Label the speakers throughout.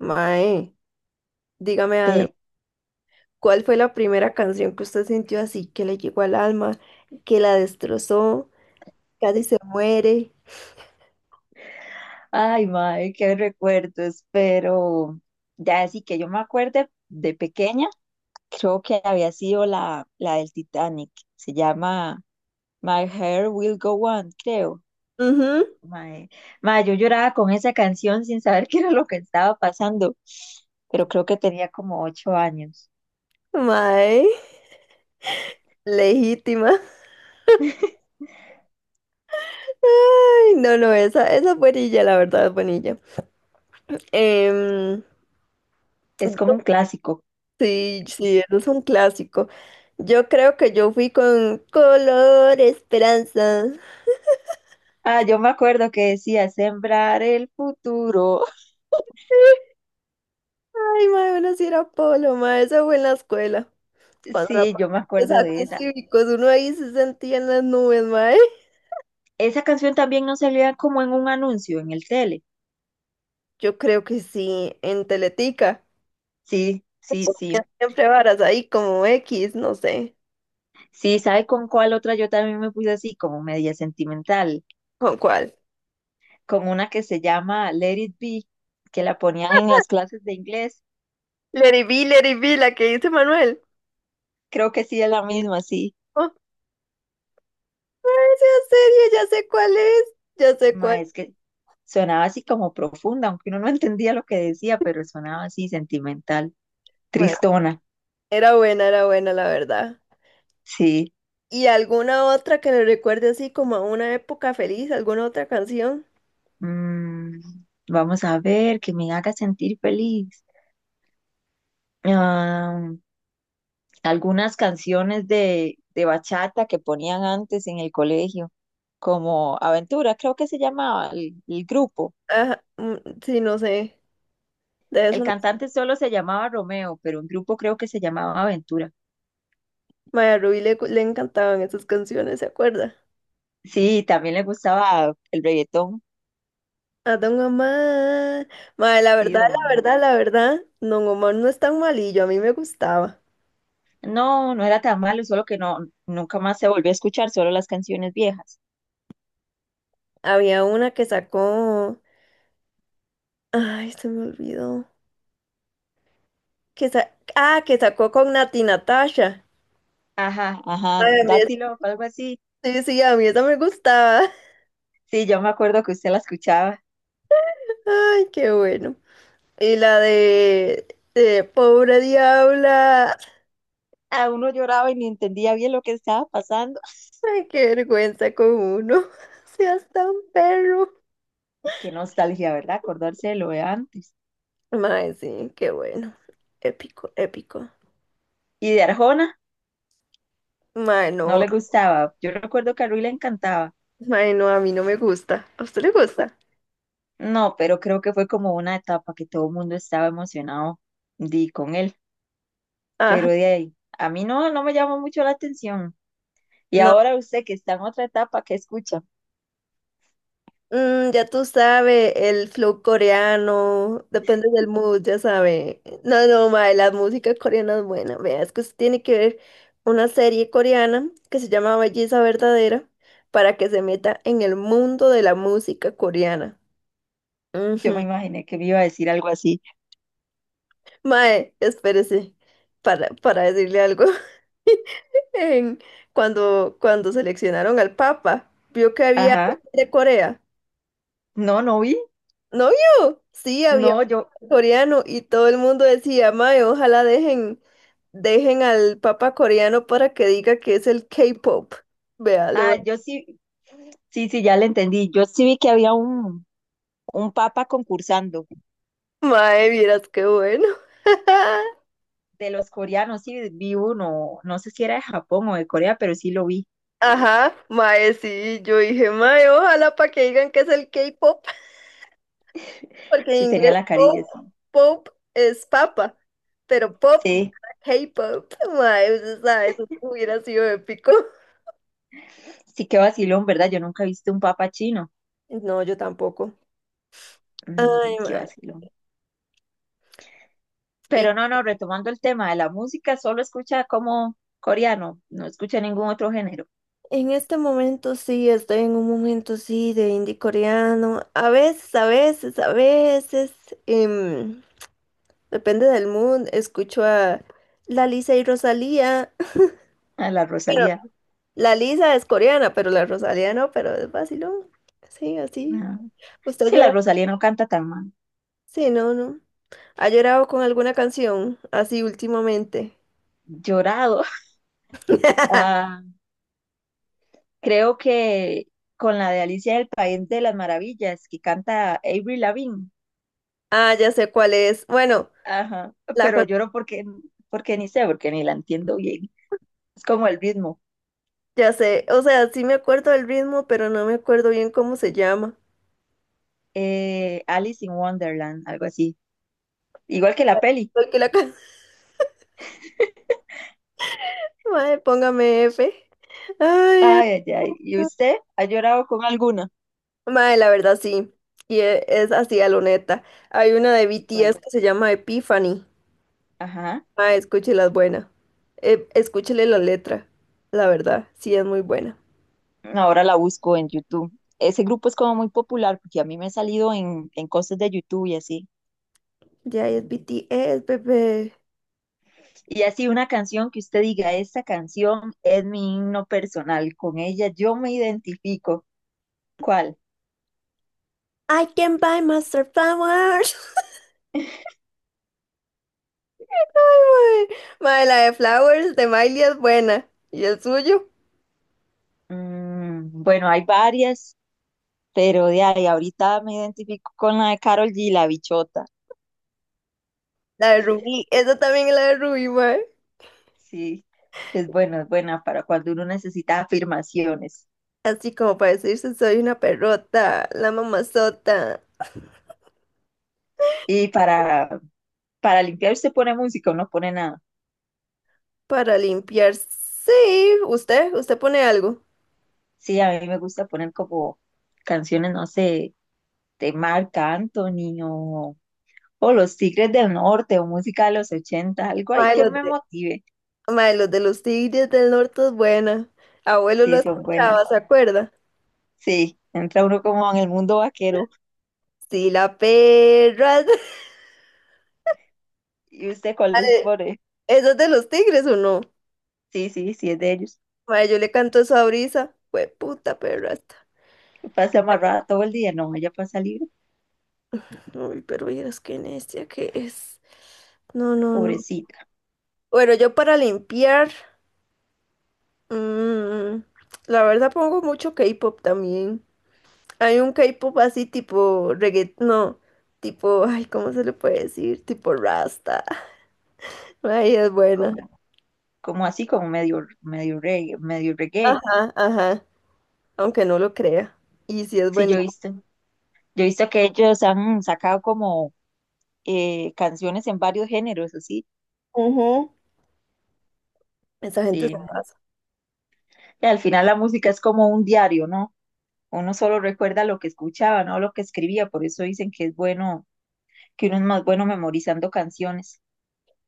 Speaker 1: Mae, dígame algo.
Speaker 2: Eh,
Speaker 1: ¿Cuál fue la primera canción que usted sintió así que le llegó al alma, que la destrozó, casi se muere?
Speaker 2: Ay, madre, qué recuerdos, pero ya así que yo me acuerde de pequeña, creo que había sido la del Titanic, se llama My Hair Will Go On, creo.
Speaker 1: Ujú.
Speaker 2: Mae, mae, yo lloraba con esa canción sin saber qué era lo que estaba pasando, pero creo que tenía como 8 años.
Speaker 1: Mae, legítima. Ay, no, no, esa es buenilla, la verdad, es buenilla. Em,
Speaker 2: Es como un
Speaker 1: yo-
Speaker 2: clásico.
Speaker 1: sí, sí, eso es un clásico. Yo creo que yo fui con Color Esperanza.
Speaker 2: Ah, yo me acuerdo que decía sembrar el futuro.
Speaker 1: Ay, mae, bueno, si era Polo, mae, eso fue en la escuela. Cuando la
Speaker 2: Sí, yo me
Speaker 1: ponían en los
Speaker 2: acuerdo de
Speaker 1: actos
Speaker 2: esa.
Speaker 1: cívicos, uno ahí se sentía en las nubes, mae.
Speaker 2: Esa canción también no salía como en un anuncio en el tele.
Speaker 1: Yo creo que sí, en Teletica.
Speaker 2: Sí, sí,
Speaker 1: O
Speaker 2: sí.
Speaker 1: siempre varas ahí como X, no sé.
Speaker 2: Sí, ¿sabe con cuál otra? Yo también me puse así, como media sentimental,
Speaker 1: ¿Con cuál?
Speaker 2: con una que se llama Let It Be, que la ponían en las clases de inglés.
Speaker 1: Lady B, Lady B, la que dice Manuel.
Speaker 2: Creo que sí es la misma, sí.
Speaker 1: Oh, esa serie, ya sé cuál es, ya sé cuál.
Speaker 2: Ma, es que sonaba así como profunda, aunque uno no entendía lo que decía, pero sonaba así sentimental,
Speaker 1: Bueno,
Speaker 2: tristona.
Speaker 1: era buena, la verdad.
Speaker 2: Sí.
Speaker 1: ¿Y alguna otra que le recuerde así como a una época feliz? ¿Alguna otra canción?
Speaker 2: Mm, vamos a ver, que me haga sentir feliz. Ah, algunas canciones de bachata que ponían antes en el colegio, como Aventura, creo que se llamaba el grupo.
Speaker 1: Ajá, mm, sí, no sé, de
Speaker 2: El
Speaker 1: eso no sé.
Speaker 2: cantante solo se llamaba Romeo, pero un grupo creo que se llamaba Aventura.
Speaker 1: Mae, a Rubí le encantaban esas canciones, ¿se acuerda?
Speaker 2: Sí, también le gustaba el reggaetón,
Speaker 1: A Don Omar. Mae, la
Speaker 2: sí,
Speaker 1: verdad,
Speaker 2: don
Speaker 1: la
Speaker 2: Omar.
Speaker 1: verdad, la verdad, Don Omar no es tan malillo, a mí me gustaba.
Speaker 2: No, no era tan malo, solo que no, nunca más se volvió a escuchar, solo las canciones viejas.
Speaker 1: Había una que sacó. Ay, se me olvidó. Ah, que sacó con Nati Natasha.
Speaker 2: Ajá, ajá,
Speaker 1: Mae, a mí esa-
Speaker 2: Dátilo, algo así.
Speaker 1: Sí, sí, a mí esa me gustaba.
Speaker 2: Sí, yo me acuerdo que usted la escuchaba.
Speaker 1: Ay, qué bueno. Y la de Pobre Diabla.
Speaker 2: A uno lloraba y ni entendía bien lo que estaba pasando.
Speaker 1: Ay, qué vergüenza con uno. Seas tan perro.
Speaker 2: Qué nostalgia, ¿verdad? Acordarse de lo de antes.
Speaker 1: Mae, sí, qué bueno. Épico, épico.
Speaker 2: Y de Arjona,
Speaker 1: Mae,
Speaker 2: no
Speaker 1: no.
Speaker 2: le gustaba. Yo recuerdo que a Rui le encantaba.
Speaker 1: Ay, no, a mí no me gusta. ¿A usted le gusta?
Speaker 2: No, pero creo que fue como una etapa que todo el mundo estaba emocionado di, con él.
Speaker 1: Ajá.
Speaker 2: Pero de ahí, a mí no, no me llamó mucho la atención. Y
Speaker 1: No,
Speaker 2: ahora usted que está en otra etapa, ¿qué escucha?
Speaker 1: ya tú sabes, el flow coreano, depende del mood, ya sabe. No, no, mae, la música coreana es buena. Vea, es que usted tiene que ver una serie coreana que se llama Belleza Verdadera para que se meta en el mundo de la música coreana.
Speaker 2: Yo
Speaker 1: Ujú.
Speaker 2: me imaginé que me iba a decir algo así.
Speaker 1: Mae, espérese para decirle algo. En- cuando seleccionaron al Papa, vio que había
Speaker 2: Ajá,
Speaker 1: alguien de Corea.
Speaker 2: no, no vi.
Speaker 1: ¿No vio? Sí, había
Speaker 2: No, yo,
Speaker 1: un coreano y todo el mundo decía, mae, ojalá dejen, dejen al papa coreano para que diga que es el K-pop. Vea, le voy
Speaker 2: ah, yo sí, sí, sí, ya le entendí. Yo sí vi que había un papa concursando.
Speaker 1: a- Mae, vieras qué bueno.
Speaker 2: De los coreanos, sí, vi uno, no sé si era de Japón o de Corea, pero sí lo vi,
Speaker 1: Ajá, mae, sí, yo dije, mae, ojalá para que digan que es el K-pop, porque
Speaker 2: sí
Speaker 1: en
Speaker 2: tenía
Speaker 1: inglés
Speaker 2: la
Speaker 1: pop,
Speaker 2: carilla, sí.
Speaker 1: pop es papa, pero pop,
Speaker 2: Sí,
Speaker 1: K-pop, mae, usted sabe, eso hubiera sido épico.
Speaker 2: sí, qué vacilón, ¿verdad? Yo nunca he visto un papa chino.
Speaker 1: No, yo tampoco.
Speaker 2: Mm,
Speaker 1: Ay,
Speaker 2: qué
Speaker 1: mae.
Speaker 2: vacilón.
Speaker 1: ¿Y
Speaker 2: Pero no, no, retomando el tema de la música, solo escucha como coreano, no escucha ningún otro género.
Speaker 1: En este momento sí, estoy en un momento sí de indie coreano. A veces, em, depende del mood, escucho a la Lisa y Rosalía.
Speaker 2: A la
Speaker 1: Pero
Speaker 2: Rosalía.
Speaker 1: la Lisa es coreana, pero la Rosalía no, pero es vacilón. Sí, así.
Speaker 2: Ah,
Speaker 1: ¿Usted ha
Speaker 2: sí, la
Speaker 1: llorado?
Speaker 2: Rosalía no canta tan mal.
Speaker 1: Sí, no, no. ¿Ha llorado con alguna canción así últimamente?
Speaker 2: Llorado. Ah, creo que con la de Alicia del País de las Maravillas, que canta Avril Lavigne.
Speaker 1: Ah, ya sé cuál es. Bueno,
Speaker 2: Ajá,
Speaker 1: la
Speaker 2: pero
Speaker 1: can-
Speaker 2: lloro porque, ni sé, porque ni la entiendo bien. Es como el ritmo.
Speaker 1: ya sé. O sea, sí me acuerdo del ritmo, pero no me acuerdo bien cómo se llama.
Speaker 2: Alice in Wonderland, algo así. Igual que la peli.
Speaker 1: Porque la can- Mae, póngame F. Ay,
Speaker 2: Ay, ay, ay. ¿Y usted ha llorado con alguna?
Speaker 1: mae, la verdad sí. Es así a lo neta. Hay una de
Speaker 2: ¿Cuál?
Speaker 1: BTS que se llama Epiphany.
Speaker 2: Ajá.
Speaker 1: Mae, escúchela, es buena. Escúchele la letra. La verdad, sí es muy buena.
Speaker 2: Ahora la busco en YouTube. Ese grupo es como muy popular porque a mí me ha salido en cosas de YouTube y así.
Speaker 1: Ya es BTS, bebé.
Speaker 2: Y así una canción que usted diga, esta canción es mi himno personal, con ella yo me identifico. ¿Cuál?
Speaker 1: I can buy Master Flowers. Ay, mae. Mae, la de Flowers de Miley es buena. ¿Y el suyo?
Speaker 2: Mm, bueno, hay varias. Pero de ahí ahorita me identifico con la de Carol G, la bichota.
Speaker 1: La de Rubí. Esa también es la de Rubí, mae.
Speaker 2: Sí, es buena para cuando uno necesita afirmaciones.
Speaker 1: Así como para decirse, soy una perrota, la mamazota.
Speaker 2: Y para limpiar usted pone música o no pone nada.
Speaker 1: Para limpiar, sí, usted pone algo.
Speaker 2: Sí, a mí me gusta poner como canciones, no sé, de Marc Anthony o Los Tigres del Norte o música de los 80, algo ahí
Speaker 1: Mae,
Speaker 2: que
Speaker 1: los
Speaker 2: me
Speaker 1: de,
Speaker 2: motive.
Speaker 1: mae, los de los tigres del norte es buena. Abuelo lo
Speaker 2: Sí, son
Speaker 1: escuchaba,
Speaker 2: buenas.
Speaker 1: ¿se acuerda?
Speaker 2: Sí, entra uno como en el mundo vaquero.
Speaker 1: Sí, la perra.
Speaker 2: ¿Y usted cuál les
Speaker 1: Mae,
Speaker 2: pone?
Speaker 1: ¿eso es de los tigres o no?
Speaker 2: Sí, sí, sí, es de ellos.
Speaker 1: Mae, yo le canto eso a Brisa. Fue puta perra esta.
Speaker 2: Pasa amarrada todo el día, no, ella pasa libre,
Speaker 1: Uy, pero miras qué necia que es. No, no, no.
Speaker 2: pobrecita,
Speaker 1: Bueno, yo para limpiar, mm, la verdad pongo mucho K-pop también. Hay un K-pop así tipo reggaetón, no, tipo, ay, ¿cómo se le puede decir? Tipo Rasta. Ay, es buena.
Speaker 2: como, como así, como medio, medio reggae, medio reggae.
Speaker 1: Ajá, ajá, aunque no lo crea. Y sí es
Speaker 2: Sí,
Speaker 1: buenísimo.
Speaker 2: yo he visto que ellos han sacado como canciones en varios géneros, así,
Speaker 1: Ujú. Esa gente, es-
Speaker 2: sí. Y al final la música es como un diario, ¿no? Uno solo recuerda lo que escuchaba, no lo que escribía, por eso dicen que es bueno, que uno es más bueno memorizando canciones.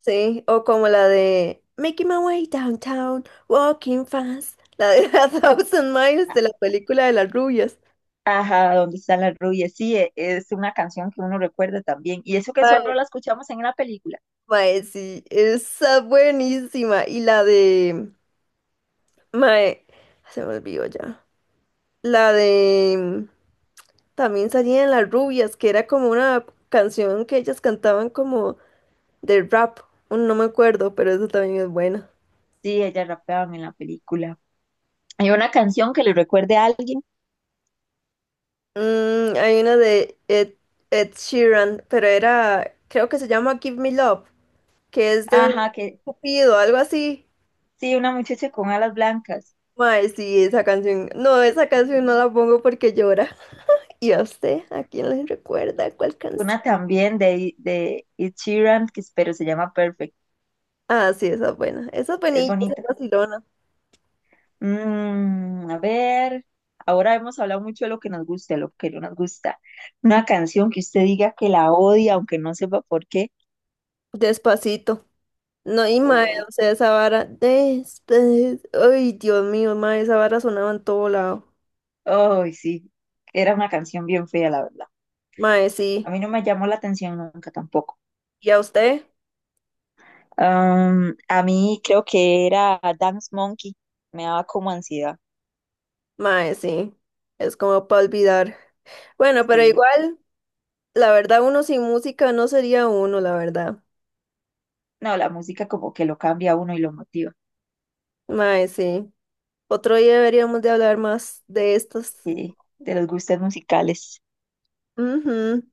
Speaker 1: sí, o como la de Making My Way Downtown, Walking Fast, la de A Thousand Miles de la película de las rubias.
Speaker 2: Ajá, ¿dónde están las rubias? Sí, es una canción que uno recuerda también. Y eso que
Speaker 1: Mae,
Speaker 2: solo la escuchamos en una película.
Speaker 1: mae, sí, esa es buenísima. Mae, se me olvidó ya. La de También salían Las Rubias, que era como una canción que ellas cantaban como de rap. No me acuerdo, pero eso también es buena.
Speaker 2: Sí, ella rapeaba en la película. Hay una canción que le recuerde a alguien.
Speaker 1: Mm, hay una de Ed Sheeran, pero era, creo que se llama Give Me Love, que es de
Speaker 2: Ajá, que
Speaker 1: Cupido, algo así.
Speaker 2: sí, una muchacha con alas blancas.
Speaker 1: Mae, sí, esa canción. No, esa canción no la pongo porque llora. ¿Y a usted? ¿A quién le recuerda cuál canción?
Speaker 2: Una también de Ed Sheeran, que espero se llama Perfect.
Speaker 1: Ah, sí, esa es buena. Esa es
Speaker 2: Es
Speaker 1: buenilla, esa es
Speaker 2: bonita.
Speaker 1: vacilona.
Speaker 2: Mm, a ver, ahora hemos hablado mucho de lo que nos gusta, de lo que no nos gusta. Una canción que usted diga que la odia, aunque no sepa por qué.
Speaker 1: Despacito. No, y mae,
Speaker 2: ¡Ay,
Speaker 1: o sea, esa vara. Ay, Dios mío, mae, esa vara sonaba en todo lado.
Speaker 2: ay, sí, era una canción bien fea, la verdad.
Speaker 1: Mae,
Speaker 2: A
Speaker 1: sí.
Speaker 2: mí no me llamó la atención nunca tampoco.
Speaker 1: ¿Y a usted?
Speaker 2: A mí creo que era Dance Monkey, me daba como ansiedad.
Speaker 1: Mae, sí. Es como para olvidar. Bueno, pero
Speaker 2: Sí.
Speaker 1: igual, la verdad, uno sin música no sería uno, la verdad.
Speaker 2: No, la música como que lo cambia a uno y lo motiva.
Speaker 1: Mae, sí. Otro día deberíamos de hablar más de estas.
Speaker 2: Sí, de los gustos musicales.
Speaker 1: Ujú.